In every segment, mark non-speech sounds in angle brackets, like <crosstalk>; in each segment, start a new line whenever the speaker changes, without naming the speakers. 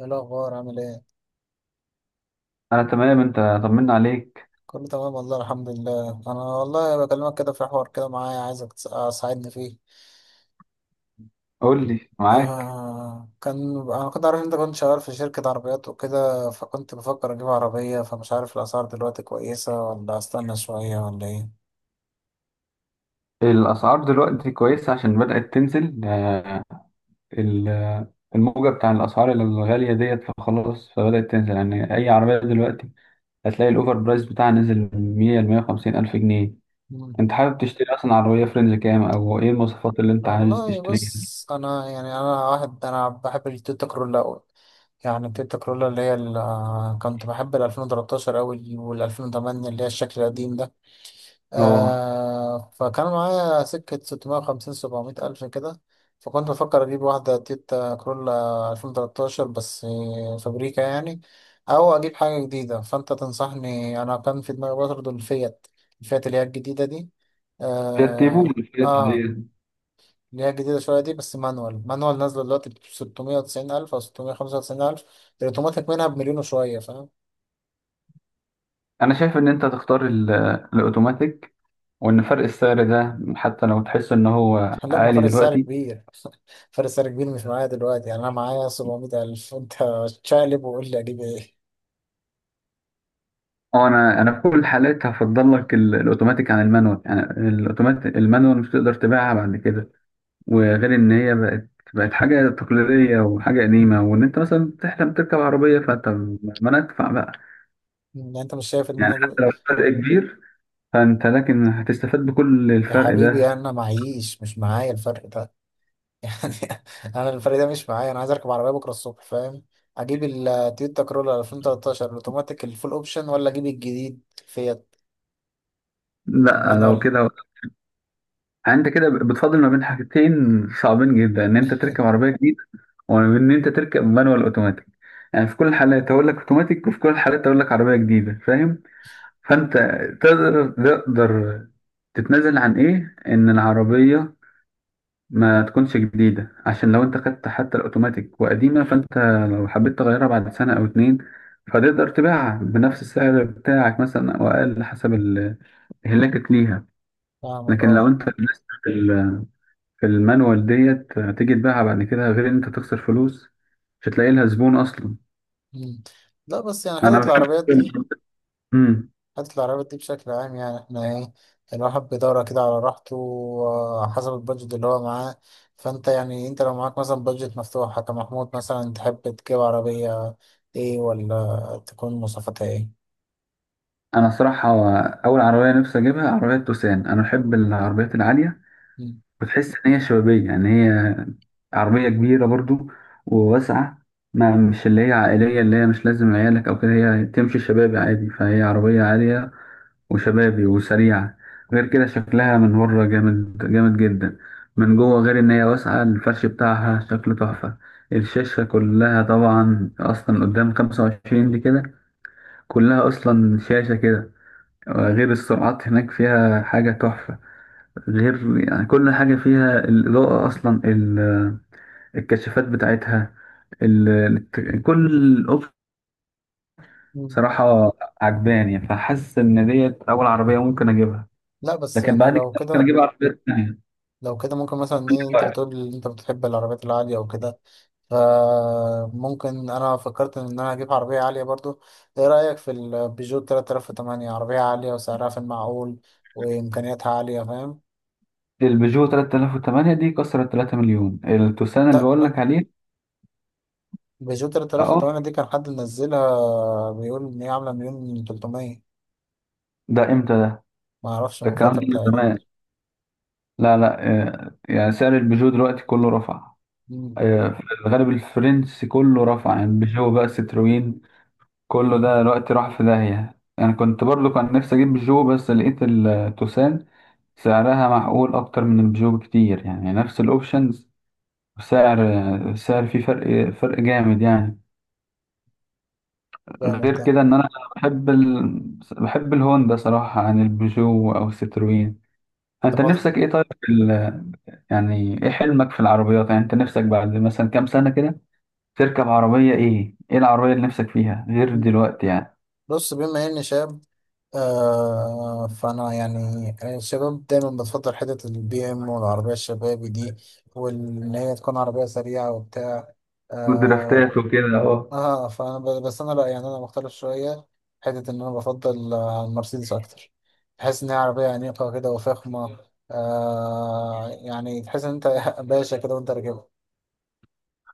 ايه الاخبار، عامل ايه؟
انا تمام. انت طمنا عليك؟
كله تمام والله، الحمد لله. انا والله بكلمك كده في حوار كده معايا، عايزك تساعدني فيه.
قول لي معاك.
آه كان انا كنت عارف إن انت كنت شغال في شركة عربيات وكده، فكنت بفكر اجيب عربية، فمش عارف الاسعار دلوقتي كويسة ولا استنى شوية ولا ايه.
الاسعار دلوقتي كويسه عشان بدات تنزل يعني ال- الموجه بتاع الاسعار الغاليه ديت، فخلاص فبدات تنزل. يعني اي عربيه دلوقتي هتلاقي الاوفر برايس بتاعها نزل من 100 ل 150 الف جنيه.
مم.
انت حابب تشتري اصلا عربيه فرنج كام او ايه المواصفات اللي انت عايز
والله
تشتريها؟
بص، انا يعني انا بحب التويوتا كرولا أوي. يعني التويوتا كرولا اللي هي كنت بحب ال 2013 أوي وال 2008 اللي هي الشكل القديم ده.
اه،
فكان معايا سكة 650 700 ألف كده. فكنت بفكر أجيب واحدة تويوتا كرولا 2013 بس فابريكا يعني، أو أجيب حاجة جديدة. فأنت تنصحني؟ أنا كان في دماغي برضه الفيات، الفيات اللي هي الجديدة دي.
فيات تيبو
آه,
ولا فيات
آه.
عادية؟
اللي هي الجديدة شوية دي، بس مانوال، مانوال نازلة دلوقتي ب 690 ألف أو 695 ألف، الأوتوماتيك منها بمليون وشوية، فاهم؟
انا شايف ان انت تختار الاوتوماتيك، وان فرق السعر ده حتى لو تحس ان هو
<laughs> لا، ما
عالي
فرق السعر
دلوقتي.
كبير. فارس سعر كبير مش معايا دلوقتي، يعني انا معايا 700 الف، انت شقلب وقول لي اجيب ايه.
اه، انا في كل الحالات هفضل لك الاوتوماتيك عن المانوال يعني. الاوتوماتيك المانوال مش تقدر تبيعها بعد كده، وغير ان هي بقت حاجه تقليديه وحاجه قديمه، وان انت مثلا تحلم تركب عربيه فانت ما ندفع بقى.
يعني انت مش شايف ان انا
يعني
اجيب إيه؟
حتى لو الفرق كبير، فانت لكن هتستفاد بكل
يا
الفرق
حبيبي
ده.
انا معيش، مش معايا الفرق ده. <laughs> يعني انا الفرق ده مش معايا، انا عايز اركب عربيه بكره الصبح، فاهم؟ اجيب التويوتا كرولا 2013 الاوتوماتيك الفول اوبشن، ولا اجيب الجديد فيات
لا لو
المانوال؟
كده، انت كده بتفاضل ما بين حاجتين صعبين جدا، ان انت تركب
<laughs>
عربيه جديده وان ان انت تركب مانوال اوتوماتيك. يعني في كل الحالات هقول لك اوتوماتيك، وفي كل الحالات هقول لك عربيه جديده، فاهم؟ فانت تقدر تتنازل عن ايه؟ ان العربية ما تكونش جديدة، عشان لو انت خدت حتى الاوتوماتيك وقديمة، فانت لو حبيت تغيرها بعد سنة او اتنين فتقدر تبيعها بنفس السعر بتاعك مثلا او اقل، حسب اهلاكك ليها.
فاهمك،
لكن لو
اه.
انت لسه في في المانوال ديت، هتيجي تبيعها بعد كده، غير ان انت تخسر فلوس، مش هتلاقي لها زبون اصلا.
مم. لا، بس يعني
انا بحب
حتة العربيات دي بشكل عام، يعني احنا ايه، الواحد بيدور كده على راحته، حسب البادجت اللي هو معاه. فانت يعني انت لو معاك مثلا بادجت مفتوحة كمحمود مثلا، تحب تجيب عربية ايه، ولا تكون مواصفاتها ايه؟
انا الصراحه هو اول عربيه نفسي اجيبها عربيه توسان. انا بحب العربيات العاليه،
مم.
وتحس ان هي شبابيه. يعني هي عربيه كبيره برضو وواسعه، ما مش اللي هي عائليه، اللي هي مش لازم عيالك او كده. هي تمشي شبابي عادي، فهي عربيه عاليه وشبابي وسريعه. غير كده شكلها من بره جامد جدا. من جوه غير ان هي واسعه، الفرش بتاعها شكله تحفه. الشاشه كلها طبعا اصلا قدام 25 دي كده، كلها اصلا شاشه كده. غير السرعات هناك فيها حاجة تحفة. غير يعني كل حاجة فيها، الإضاءة، أصلا الكشافات بتاعتها، ال... كل الأوبشن
مم.
صراحة عجباني، فحاسس إن ديت أول عربية ممكن أجيبها.
لا، بس
لكن
يعني
بعد كده
لو
ممكن
كده،
أجيب عربيات تانية.
لو كده ممكن مثلا ايه، انت بتقول ان انت بتحب العربيات العالية وكده، فممكن انا فكرت ان انا اجيب عربية عالية برضو. ايه رأيك في البيجو 3008؟ عربية عالية وسعرها في المعقول وامكانياتها عالية، فاهم؟
البيجو 3008 دي كسرت 3 مليون، التوسان اللي
لا،
بقول
لا،
لك عليه.
بيجو
اه.
3008 دي كان حد منزلها، بيقول ان هي عامله مليون 300.
ده امتى ده؟
ما اعرفش،
ده
من
الكلام
فتره
ده من
تقريبا.
زمان. لا لا آه، يعني سعر البيجو دلوقتي كله رفع.
مم.
آه، في الغالب الفرنسي كله رفع، يعني بيجو بقى ستروين، كله ده دلوقتي راح في داهية. أنا كنت برضو كان نفسي أجيب بيجو، بس لقيت التوسان سعرها معقول أكتر من البيجو بكتير. يعني نفس الأوبشنز، سعر سعر فيه فرق جامد يعني.
جامد
غير
ده.
كده إن أنا بحب ال... بحب الهوندا صراحة عن البيجو أو الستروين.
طب
أنت
ما-
نفسك إيه طيب في يعني إيه حلمك في العربيات؟ يعني أنت نفسك بعد مثلا كام سنة كده تركب عربية ايه؟ ايه العربية اللي نفسك فيها غير دلوقتي يعني؟
بص، بما اني شاب، فانا يعني الشباب دايما بتفضل حتة البي ام والعربية الشبابي دي، وان هي تكون عربية سريعة وبتاع، آه
والدرافتات وكده اهو.
اه، فانا بس انا لا، يعني انا مختلف شويه. حته ان انا بفضل المرسيدس اكتر، بحس ان هي عربيه انيقه كده وفخمه. يعني تحس ان انت <laughs> باشا كده وانت راكبها.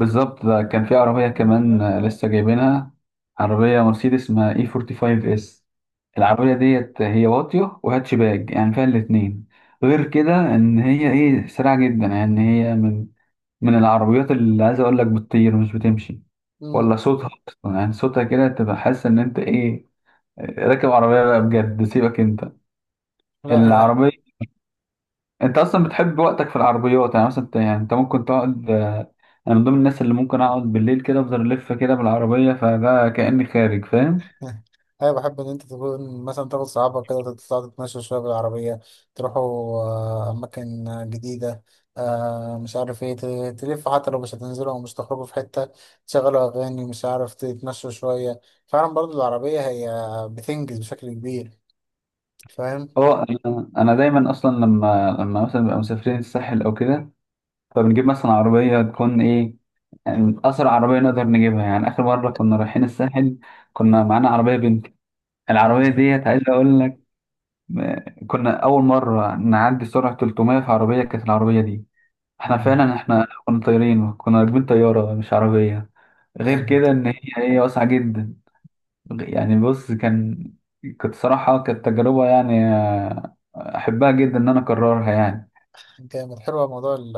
بالظبط، ده كان في عربية كمان آه، لسه جايبينها، عربية مرسيدس اسمها اي 45 اس. العربية ديت هي واطية وهاتشباك، يعني فيها الاتنين. غير كده ان هي ايه، سريعة جدا. يعني هي من من العربيات اللي عايز اقول لك بتطير مش بتمشي.
مم.
ولا صوتها اصلا، يعني صوتها كده تبقى حاسس ان انت ايه، راكب عربية بقى بجد. سيبك انت،
لا، يا.
العربية انت اصلا بتحب وقتك في العربيات. يعني مثلا انت- يعني انت ممكن تقعد انا من ضمن الناس اللي ممكن اقعد بالليل كده افضل الف كده بالعربيه، فده كاني خارج، فاهم.
انا بحب ان انت تكون مثلا تاخد صحابك كده، تطلع تتمشى شويه بالعربيه، تروحوا اماكن جديده، مش عارف ايه، تلفوا حتى لو مش هتنزلوا او مش تخرجوا في حته، تشغلوا اغاني، مش عارف تتمشوا شويه. فعلا برضو العربيه هي بتنجز بشكل كبير، فاهم.
اه، انا دايما اصلا لما مثلا بنبقى مسافرين الساحل او كده، فبنجيب مثلا عربيه تكون ايه، يعني اسرع عربيه نقدر نجيبها. يعني اخر مره كنا رايحين الساحل كنا معانا عربيه بنتي. العربيه
مم.
ديت عايز اقول لك آه، كنا اول مره نعدي سرعه 300 في عربيه، كانت العربيه دي احنا
مم.
فعلا، احنا كنا طايرين، كنا راكبين طيارة مش عربية. غير
جامد،
كده ان هي واسعة جدا. يعني بص كان، كانت صراحة كانت تجربة يعني آه، احبها جدا ان انا اكررها يعني.
جامد، حلو موضوع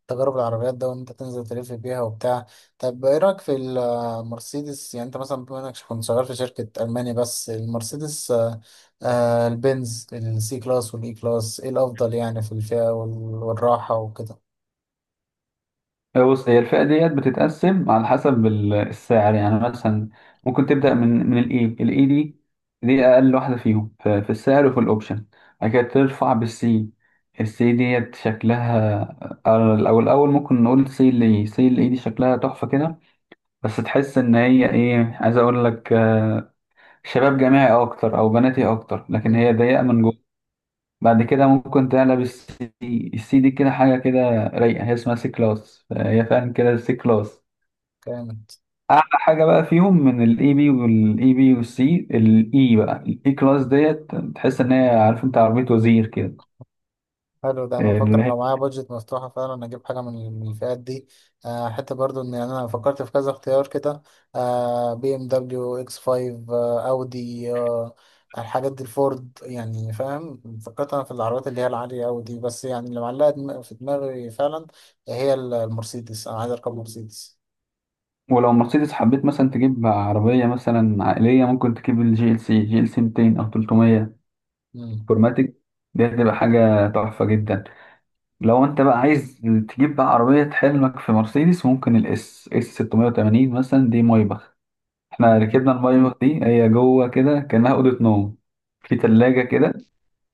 التجارب العربيات ده، وان انت تنزل تلف بيها وبتاع. طب ايه رايك في المرسيدس، يعني انت مثلا بما انك كنت شغال في شركه الماني، بس المرسيدس البنز السي كلاس والاي كلاس، ايه الافضل يعني في الفئه والراحه وكده؟
هي بص، هي الفئة ديت بتتقسم على حسب السعر. يعني مثلا ممكن تبدأ من من الاي الاي دي. دي اقل واحدة فيهم في في السعر وفي الاوبشن. بعد كده ترفع بالسي، السي ديت شكلها آه، او الاول ممكن نقول سي، اللي سي اللي دي شكلها تحفة كده. بس تحس ان هي ايه، عايز اقول لك آه، شباب جامعي اكتر او بناتي اكتر، لكن هي ضيقه من جوه. بعد كده ممكن تقلب السي دي، السي دي كده حاجه كده رايقه، هي اسمها سي كلاس، هي فعلا كده السي كلاس.
امم.
اعلى حاجه بقى فيهم من الاي بي، والاي بي والسي الاي بقى، الاي كلاس ديت تحس ان هي، عارف انت، عربيه وزير كده.
حلو ده. انا بفكر
اللي هي
لو معايا بادجت مفتوحه فعلا اجيب حاجه من الفئات دي. حتى برضو ان انا فكرت في كذا اختيار كده، بي ام دبليو اكس 5، اودي، الحاجات دي، الفورد، يعني فاهم. فكرت انا في العربيات اللي هي العاليه قوي دي، بس يعني اللي معلقه في دماغي فعلا هي المرسيدس، انا عايز اركب مرسيدس.
ولو مرسيدس حبيت مثلا تجيب عربيه مثلا عائليه، ممكن تجيب الجي ال سي، جي ال سي 200 او 300
مم.
فورماتيك. دي هتبقى حاجة تحفة جدا. لو انت بقى عايز تجيب بقى عربية حلمك في مرسيدس، ممكن الاس اس 680 مثلا، دي مايباخ. احنا
مم.
ركبنا المايباخ دي، هي جوه كده كأنها أوضة نوم. في تلاجة كده،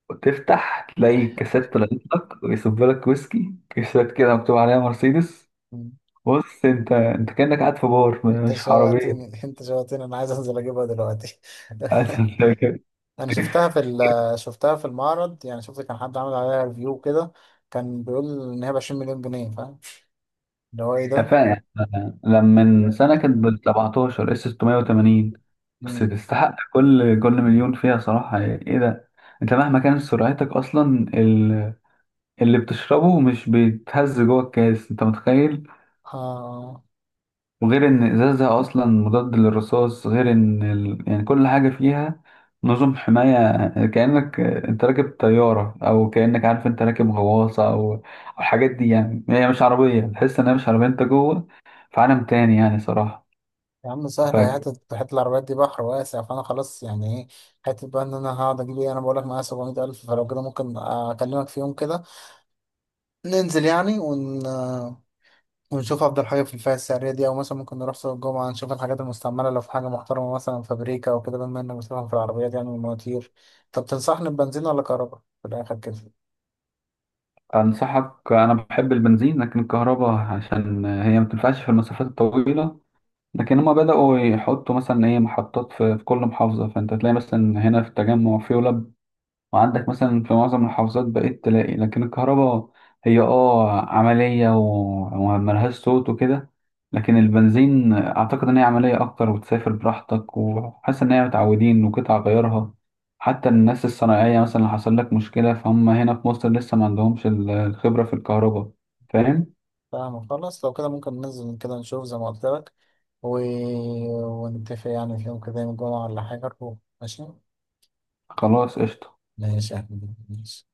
وتفتح تلاقي كاسات طلعت لك ويصب لك ويسكي، كاسات كده مكتوب عليها مرسيدس.
مم.
بص انت، انت كأنك قاعد في بار مش في عربية.
انت شوقتني، انا عايز انزل اجيبها دلوقتي.
<laughs>
<laughs> انا شفتها في المعرض، يعني شفت كان حد عامل عليها ريفيو كده، كان بيقول ان هي ب 20 مليون جنيه، فاهم. اللي هو ايه ده.
فاهم. لما من سنة كانت ب 17 اس 680. بس
مم.
تستحق كل مليون فيها صراحة. يعني ايه ده، انت مهما كانت سرعتك اصلا اللي بتشربه مش بيتهز جوه الكاس، انت متخيل.
آه.
وغير ان ازازها اصلا مضاد للرصاص، غير ان يعني كل حاجة فيها نظم حماية، كأنك انت راكب طيارة، او كأنك عارف، انت راكب غواصة، او الحاجات دي. يعني هي مش عربية، تحس انها مش عربية، انت جوه في عالم تاني يعني صراحة.
يا عم سهل، هي
فاكر،
حتة العربيات دي بحر واسع، فانا خلاص يعني ايه، حتة بقى ان انا هقعد اجيب ايه. انا بقول لك معايا 700 الف، فلو كده ممكن اكلمك في يوم كده ننزل، يعني ونشوف افضل حاجه في الفئه السعريه دي، او مثلا ممكن نروح سوق الجمعه نشوف الحاجات المستعمله لو في حاجه محترمه مثلا فابريكا او كده، بما انك بتفهم في العربيات يعني والمواتير. طب تنصحني ببنزين ولا كهرباء في الاخر كده؟
أنصحك. أنا بحب البنزين، لكن الكهرباء عشان هي ما تنفعش في المسافات الطويلة. لكن هما بدأوا يحطوا مثلا إيه، محطات في كل محافظة، فأنت تلاقي مثلا هنا في التجمع في، وعندك مثلا في معظم المحافظات بقيت تلاقي. لكن الكهرباء هي اه عملية وملهاش صوت وكده. لكن البنزين أعتقد إن هي عملية أكتر، وتسافر براحتك، وحاسس إن هي متعودين وقطع غيارها، حتى الناس الصناعية. مثلا لو حصل لك مشكلة فهم هنا في مصر لسه ما عندهمش الخبرة في الكهرباء، فاهم؟
فاهم، خلاص. لو كده ممكن ننزل كده نشوف زي ما قلت لك، و... ونتفق يعني في يوم كده، يوم الجمعه ولا حاجه نروح. ماشي.
خلاص، قشطة.
ماشي يا أحمد، ماشي.